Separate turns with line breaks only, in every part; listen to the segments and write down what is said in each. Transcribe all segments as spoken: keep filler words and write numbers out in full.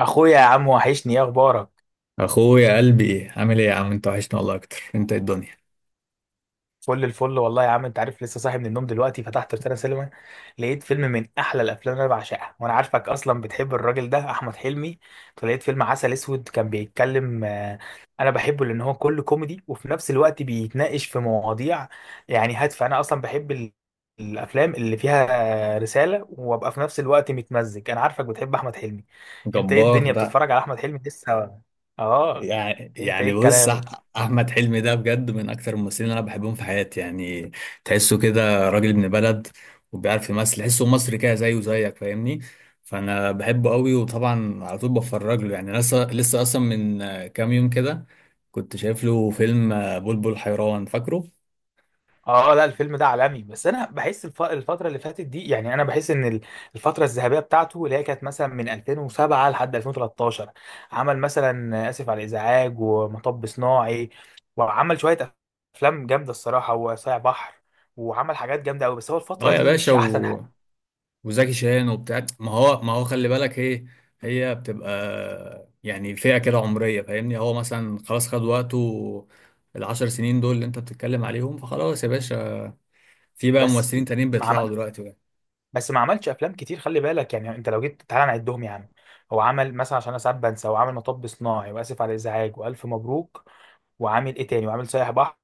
اخويا يا عم، وحشني. ايه اخبارك؟
اخويا، قلبي عامل ايه يا عم؟ انت وحشنا والله اكتر. انت إيه الدنيا،
فل الفل والله يا عم، انت عارف، لسه صاحي من النوم. دلوقتي فتحت روتانا سينما، لقيت فيلم من احلى الافلام اللي انا بعشقها، وانا عارفك اصلا بتحب الراجل ده، احمد حلمي. فلقيت فيلم عسل اسود كان بيتكلم. آه، انا بحبه لان هو كله كوميدي، وفي نفس الوقت بيتناقش في مواضيع يعني هادفه. انا اصلا بحب ال- الافلام اللي فيها آه، رساله، وابقى في نفس الوقت متمزج. انا عارفك بتحب احمد حلمي. انت ايه
جبار
الدنيا،
ده.
بتتفرج على احمد حلمي لسه؟ اه.
يعني
انت ايه
يعني بص،
الكلام؟
أح- احمد حلمي ده بجد من اكتر الممثلين اللي انا بحبهم في حياتي يعني. تحسه كده راجل ابن بلد وبيعرف يمثل، تحسه مصري كده زيه زيك، فاهمني. فانا بحبه قوي وطبعا على طول بتفرج له يعني. لسه لسه اصلا من آه، كام يوم كده كنت شايف له فيلم، آه، بلبل حيران، فاكره.
اه، لا، الفيلم ده عالمي. بس انا بحس الف... الفتره اللي فاتت دي، يعني انا بحس ان ال- الفتره الذهبيه بتاعته، اللي هي كانت مثلا من ألفين وسبعة لحد ألفين وثلاثة عشر. عمل مثلا اسف على الازعاج، ومطب صناعي، وعمل شويه افلام جامده الصراحه، وصايع بحر، وعمل حاجات جامده قوي. بس هو
اه
الفتره
يا
دي
باشا،
مش احسن حاجه.
وزكي شان وبتاع. ما هو ما هو خلي بالك ايه، هي بتبقى يعني فئة كده عمرية فاهمني. هو مثلا خلاص خد وقته، العشر سنين دول اللي انت بتتكلم عليهم، فخلاص يا باشا. في بقى
بس
ممثلين تانيين
ما
بيطلعوا
عمل
دلوقتي بقى.
بس ما عملش افلام كتير، خلي بالك، يعني انت لو جيت تعالى نعدهم يا عم. هو عمل مثلا، عشان انا ساعات بنسى، هو عمل مطب صناعي، واسف على الازعاج، والف مبروك، وعامل ايه تاني، وعامل سايح بحر،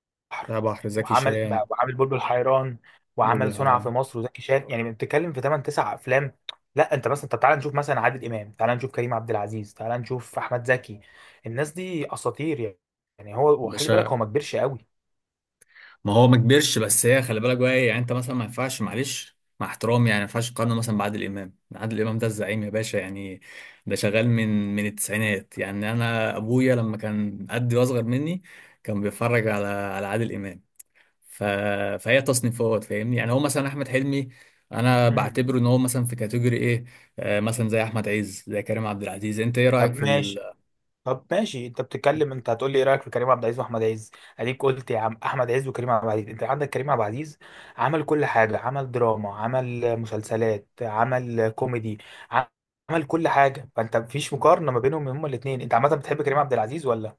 بتاع بحر، زكي
وعمل
شان،
بقى- وعامل بلبل حيران، وعمل
بلبل
صنع في
حيران.
مصر، وزكي شان، يعني بتتكلم في ثمانية تسعة افلام. لا، انت مثلا طب تعالى نشوف مثلا عادل امام، تعالى نشوف كريم عبد العزيز، تعالى نشوف احمد زكي. الناس دي اساطير يعني. يعني هو، وخلي بالك، هو
باشا،
ما كبرش قوي.
ما هو ما كبرش، بس هي خلي بالك بقى ايه. يعني انت مثلا ما ينفعش، معلش مع احترامي، يعني ما ينفعش تقارنه مثلا بعادل امام. عادل امام ده الزعيم يا باشا يعني، ده شغال من من التسعينات يعني. انا ابويا لما كان قدي واصغر مني كان بيتفرج على على عادل امام. ف... فهي تصنيفات فاهمني. يعني هو مثلا احمد حلمي انا
امم.
بعتبره ان هو مثلا في كاتيجوري ايه، آه مثلا زي احمد عز، زي كريم عبد العزيز. انت ايه
طب
رايك في...
ماشي، طب ماشي، انت بتتكلم، انت هتقول لي ايه رايك في كريم عبد العزيز واحمد عز؟ اديك قلت يا عم احمد عز وكريم عبد العزيز. انت عندك كريم عبد العزيز، عمل كل حاجه، عمل دراما، عمل مسلسلات، عمل كوميدي، عمل كل حاجه. فانت مفيش مقارنه ما بينهم هما الاثنين. انت عامه بتحب كريم عبد العزيز ولا؟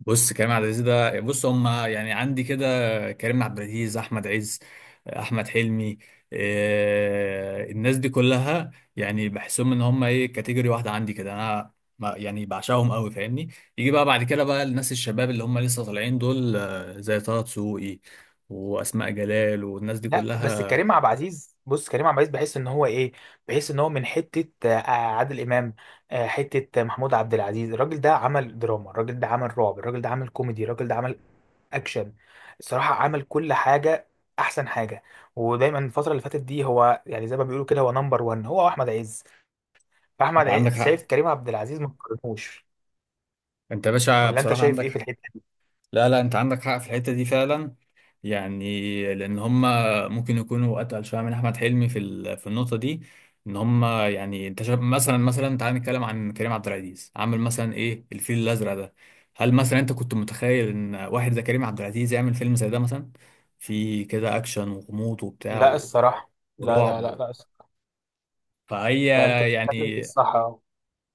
بص كريم عبد العزيز ده، بص، هم يعني عندي كده: كريم عبد العزيز، احمد عز، احمد حلمي. إيه الناس دي كلها يعني بحسهم ان هم ايه، كاتيجوري واحده عندي كده انا. ما- يعني بعشقهم قوي فاهمني. يجي بقى بعد كده بقى الناس الشباب اللي هم لسه طالعين دول، آه، زي طه دسوقي واسماء جلال والناس دي
لا، بس
كلها.
كريم عبد العزيز، بص، كريم عبد العزيز بحس ان هو ايه، بحس ان هو من حته آه، عادل امام، آه، حته محمود عبد العزيز. الراجل ده عمل دراما، الراجل ده عمل رعب، الراجل ده عمل كوميدي، الراجل ده عمل اكشن، الصراحه عمل كل حاجه. احسن حاجه. ودايما الفتره اللي فاتت دي هو، يعني زي ما بيقولوا كده، هو نمبر واحد، هو احمد عز. فاحمد
انت
عز
عندك
شايف
حق.
كريم عبد العزيز، ما تقارنوش.
انت يا باشا
ولا انت
بصراحه
شايف
عندك
ايه في
حق.
الحته
لا لا، انت عندك حق في الحته دي فعلا. يعني لان هم ممكن يكونوا اتقل شويه من احمد حلمي في ال- في النقطه دي. ان هم يعني انت شايف مثلا، مثلا تعال نتكلم عن كريم عبد العزيز، عامل مثلا ايه الفيل الازرق ده. هل مثلا انت كنت متخيل ان واحد زي كريم عبد العزيز يعمل فيلم زي ده مثلا، في كده اكشن وغموض
دي؟
وبتاع
لا
و-
الصراحه، لا، لا، لا،
ورعب.
لا،
فهي
فانت بتتكلم في
يعني،
الصح.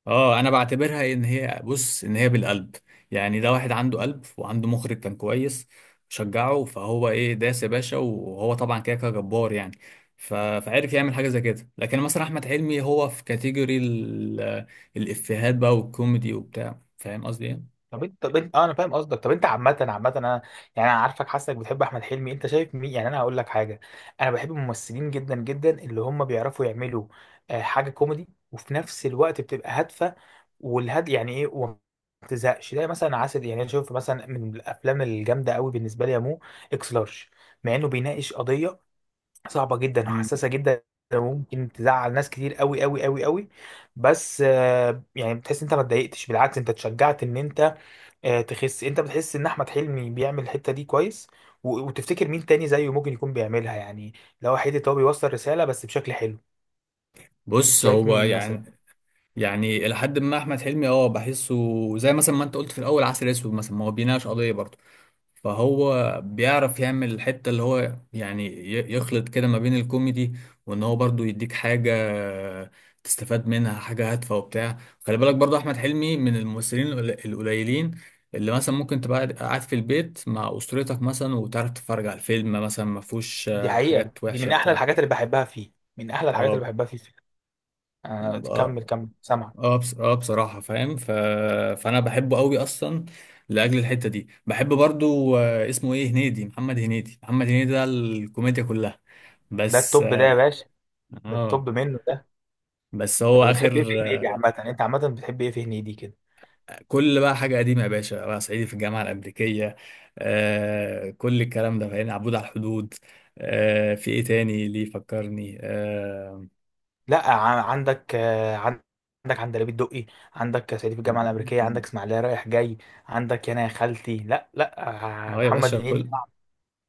اه انا بعتبرها ان هي، بص، ان هي بالقلب. يعني ده واحد عنده قلب وعنده مخرج كان كويس شجعه، فهو ايه داس يا باشا. وهو طبعا كده كده جبار يعني، ف- فعرف يعمل حاجه زي كده. لكن مثلا احمد حلمي هو في كاتيجوري ال- الافيهات بقى والكوميدي وبتاع، فاهم قصدي ايه.
طب انت طب انت، اه، انا فاهم قصدك. طب انت عامة عامة انا، يعني انا عارفك حاسك بتحب احمد حلمي. انت شايف مين؟ يعني انا هقول لك حاجة. انا بحب الممثلين جدا جدا اللي هم بيعرفوا يعملوا آه، حاجة كوميدي، وفي نفس الوقت بتبقى هادفة، والهاد يعني ايه، وما تزهقش. ده مثلا عسل، يعني انا شايف مثلا من الافلام الجامدة قوي بالنسبة لي يا مو. اكس لارج، مع انه بيناقش قضية صعبة جدا
مم.
وحساسة جدا، وممكن تزعل ناس كتير قوي قوي قوي قوي. بس آه، يعني بتحس انت ما اتضايقتش، بالعكس انت اتشجعت، ان انت آه، تخس. انت بتحس ان احمد حلمي بيعمل الحته دي كويس، و... وتفتكر مين تاني زيه ممكن يكون بيعملها يعني، لو حته هو بيوصل رساله بس بشكل حلو.
بص
شايف
هو
مين مثلا؟
يعني، يعني الى حد ما احمد حلمي اه بحسه، زي مثلا ما انت قلت في الاول، عسل اسود مثلا ما هو بيناقش قضيه برضه. فهو بيعرف يعمل الحتة اللي هو يعني ي- يخلط كده ما بين الكوميدي، وان هو برضو يديك حاجة تستفاد منها، حاجة هادفة وبتاع. خلي بالك برضو احمد حلمي من الممثلين القل- القليلين اللي مثلا ممكن تبقى قاعد قاعد في البيت مع اسرتك مثلا وتعرف تتفرج على الفيلم، مثلا ما فيهوش
دي
آه،
حقيقه،
حاجات
دي
وحشة
من احلى
بتاع.
الحاجات اللي بحبها فيه، من احلى الحاجات اللي بحبها فيه. آه، كمل
اه
كمل، سامعك.
اه، بص... اه بصراحة فاهم. ف... فأنا بحبه قوي أصلا لأجل الحتة دي. بحب برضو، آه، اسمه إيه، هنيدي، محمد هنيدي. محمد هنيدي ده الكوميديا كلها
ده
بس.
التوب ده يا باشا، ده
اه.
التوب منه ده.
بس هو
طب بتحب ايه في
آخر
هنيدي؟
آه،
عامه انت عامه بتحب ايه في هنيدي كده؟
كل بقى حاجة قديمة يا باشا: بقى صعيدي في الجامعة الأمريكية، آه كل الكلام ده. فاهم، عبود على الحدود، آه في إيه تاني ليه فكرني آه...
لا، ع- عندك آه، عن- عندك عندليب الدقي، عندك صعيدي في الجامعه الامريكيه، عندك اسماعيليه رايح جاي، عندك يانا يا خالتي. لا، لا، آه،
اه يا
محمد
باشا.
هنيدي.
كل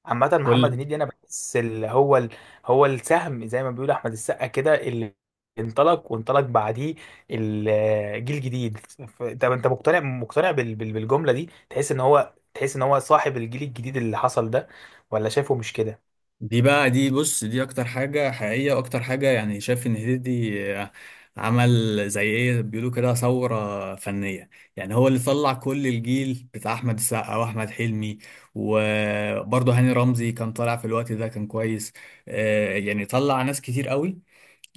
عامة محمد
كل
هنيدي، أنا بحس اللي هو ال... هو السهم، زي ما بيقول أحمد السقا كده، اللي انطلق وانطلق بعديه، الجيل الجديد. ف- طب أنت مقتنع مقتنع بال... بال... بالجملة دي، تحس إن هو تحس إن هو صاحب الجيل الجديد اللي حصل ده، ولا شايفه مش كده؟
دي بقى، دي بص، دي اكتر حاجة حقيقية واكتر حاجة. يعني شايف ان هنيدي آه، عمل زي ايه بيقولوا كده، ثورة فنية. يعني هو اللي طلع كل الجيل بتاع احمد السقا واحمد حلمي، وبرضه هاني رمزي كان طالع في الوقت ده كان كويس. آه، يعني طلع ناس كتير قوي،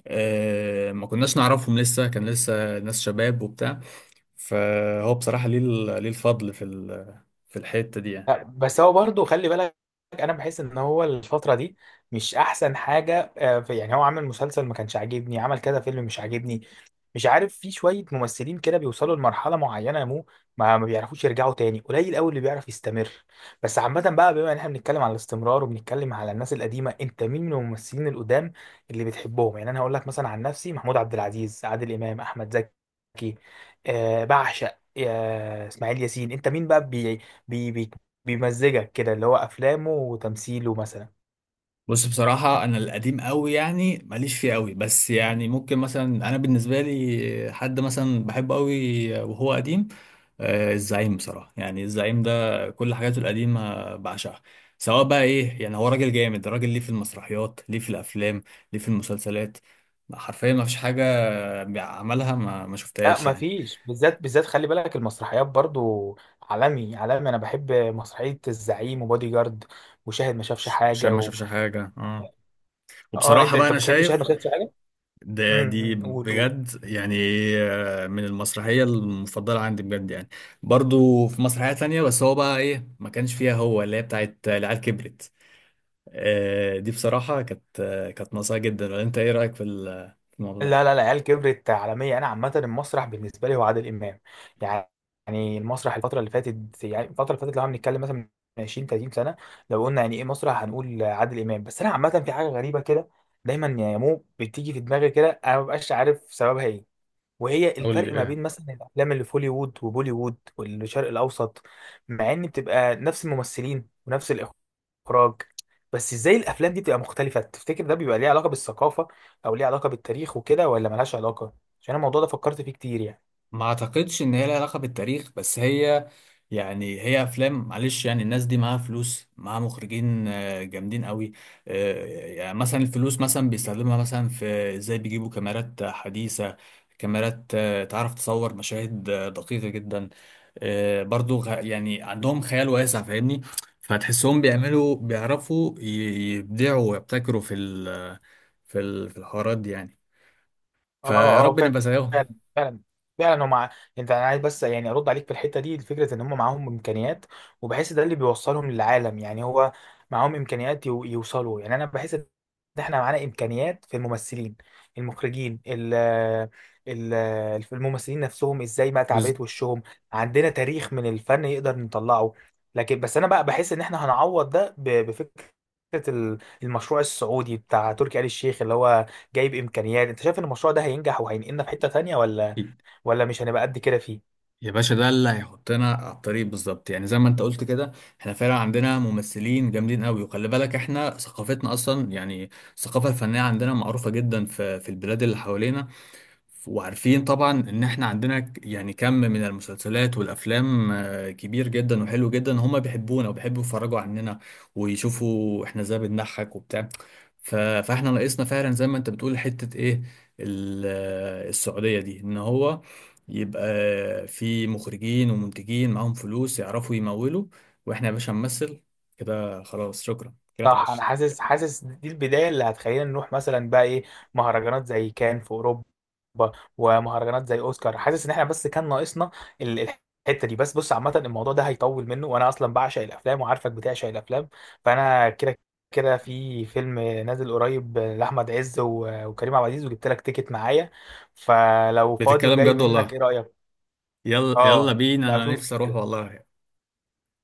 آه، ما كناش نعرفهم لسه، كان لسه ناس شباب وبتاع. فهو بصراحة ليه ال- ليه الفضل في ال- في الحتة دي يعني.
لا، بس هو برضه خلي بالك، انا بحس ان هو الفتره دي مش احسن حاجه. آه، في- يعني هو عمل مسلسل ما كانش عاجبني، عمل كذا فيلم مش عاجبني، مش عارف. في شويه ممثلين كده بيوصلوا لمرحله معينه يا مو، ما ما بيعرفوش يرجعوا تاني. قليل قوي اللي بيعرف يستمر. بس عامه بقى، بما ان احنا بنتكلم على الاستمرار وبنتكلم على الناس القديمه، انت مين من الممثلين القدام اللي بتحبهم؟ يعني انا هقول لك مثلا عن نفسي، محمود عبد العزيز، عادل امام، احمد زكي، آه بعشق، آه اسماعيل ياسين. انت مين بقى، بي بيمزجك كده، اللي هو افلامه وتمثيله مثلا؟
بص، بصراحة أنا القديم قوي يعني ماليش فيه قوي، بس يعني ممكن مثلا، أنا بالنسبة لي حد مثلا بحبه قوي وهو قديم، آه، الزعيم بصراحة يعني. الزعيم ده كل حاجاته القديمة بعشقها، سواء بقى إيه يعني. هو راجل جامد، راجل ليه في المسرحيات، ليه في الأفلام، ليه في المسلسلات. حرفيا ما فيش حاجة عملها ما, ما
لا،
شفتهاش يعني.
مفيش، بالذات بالذات خلي بالك المسرحيات برضو. عالمي عالمي، انا بحب مسرحية الزعيم، وبودي جارد، وشاهد ما شافش
ش- شايف
حاجة
ما
و...
شافش حاجة، اه.
اه، انت
وبصراحة بقى
انت
أنا
بتحب شاهد ما
شايف
شافش حاجة؟
ده،
امم،
دي
أمم، قول قول.
بجد يعني، آه، من المسرحية المفضلة عندي بجد يعني. برضو في مسرحية تانية بس هو بقى ايه ما كانش فيها، هو اللي هي بتاعت العيال كبرت. آه، دي بصراحة كانت آه، كانت ناقصة جدا، ولا انت ايه رأيك في ال- في الموضوع ده؟
لا، لا، العيال كبرت عالمية. أنا عامة المسرح بالنسبة لي هو عادل إمام يعني. يعني المسرح الفترة اللي فاتت، يعني الفترة اللي فاتت لو هنتكلم مثلا من عشرين تلاتين سنة، لو قلنا يعني إيه مسرح هنقول عادل إمام. بس أنا عامة في حاجة غريبة كده، دايما يا مو بتيجي في دماغي كده، أنا مبقاش عارف سببها إيه، وهي
قول لي
الفرق ما بين
ايه.
مثلا الافلام اللي في هوليوود وبوليوود والشرق الاوسط، مع ان بتبقى نفس الممثلين ونفس الاخراج، بس ازاي الافلام دي بتبقى مختلفه؟ تفتكر ده بيبقى ليه علاقه بالثقافه، او ليه علاقه بالتاريخ وكده، ولا ملهاش علاقه؟ عشان الموضوع ده فكرت فيه كتير يعني.
ما اعتقدش ان هي لها علاقه بالتاريخ، بس هي يعني هي افلام، معلش يعني الناس دي معاها فلوس، معاها مخرجين آه، جامدين قوي. آه، يعني مثلا الفلوس مثلا بيستخدمها مثلا في ازاي بيجيبوا كاميرات حديثه، كاميرات آه، تعرف تصور مشاهد آه، دقيقه جدا. آه، برضو غ- يعني عندهم خيال واسع فاهمني. فتحسهم بيعملوا بيعرفوا ي- يبدعوا ويبتكروا في ال- في ال- في الحوارات دي يعني.
اه،
فيا
اه،
رب نبقى زيهم.
فعلا، فعلا، فعلا، هم مع... انت انا عايز بس يعني ارد عليك في الحته دي، الفكره ان هم معاهم امكانيات، وبحس ده اللي بيوصلهم للعالم يعني. هو معاهم امكانيات يو... يوصلوا، يعني انا بحس ان احنا معانا امكانيات، في الممثلين، المخرجين، ال... ال... الممثلين نفسهم، ازاي بقى
بز-
تعبيرات وشهم. عندنا تاريخ من الفن يقدر نطلعه، لكن بس انا بقى بحس ان احنا هنعوض ده ب... بفكره ال- المشروع السعودي بتاع تركي آل الشيخ، اللي هو جايب امكانيات. انت شايف ان المشروع ده هينجح وهينقلنا في حتة تانية، ولا ولا مش هنبقى قد كده فيه؟
يا باشا ده اللي هيحطنا على الطريق بالظبط، يعني زي ما انت قلت كده. احنا فعلا عندنا ممثلين جامدين قوي، وخلي بالك احنا ثقافتنا اصلا يعني الثقافه الفنيه عندنا معروفه جدا في في البلاد اللي حوالينا. وعارفين طبعا ان احنا عندنا ك- يعني كم من المسلسلات والافلام آه، كبير جدا وحلو جدا، هما بيحبونا وبيحبوا يتفرجوا عننا ويشوفوا احنا ازاي بنضحك وبتاع. ف- فاحنا ناقصنا فعلا زي ما انت بتقول حتة ايه، ال- آه، السعودية دي. ان هو يبقى في مخرجين ومنتجين معاهم فلوس يعرفوا يمولوا، واحنا يا باشا نمثل كده خلاص، شكرا كده
صح، انا
اتعشت.
حاسس، حاسس دي البداية اللي هتخلينا نروح مثلا بقى ايه، مهرجانات زي كان في اوروبا، ومهرجانات زي اوسكار. حاسس ان احنا بس كان ناقصنا ال- الحتة دي. بس بص، عامة الموضوع ده هيطول منه، وانا اصلا بعشق الافلام وعارفك بتعشق الافلام. فانا كده كده، في فيلم نازل قريب لاحمد عز و- وكريم عبد العزيز، وجبت لك تيكت معايا، فلو فاضي
بتتكلم
وجاي
جد
منك
والله؟
ايه رأيك؟
يلا يلا
اه،
بينا،
لا
انا
شوف
نفسي اروح
كده.
والله.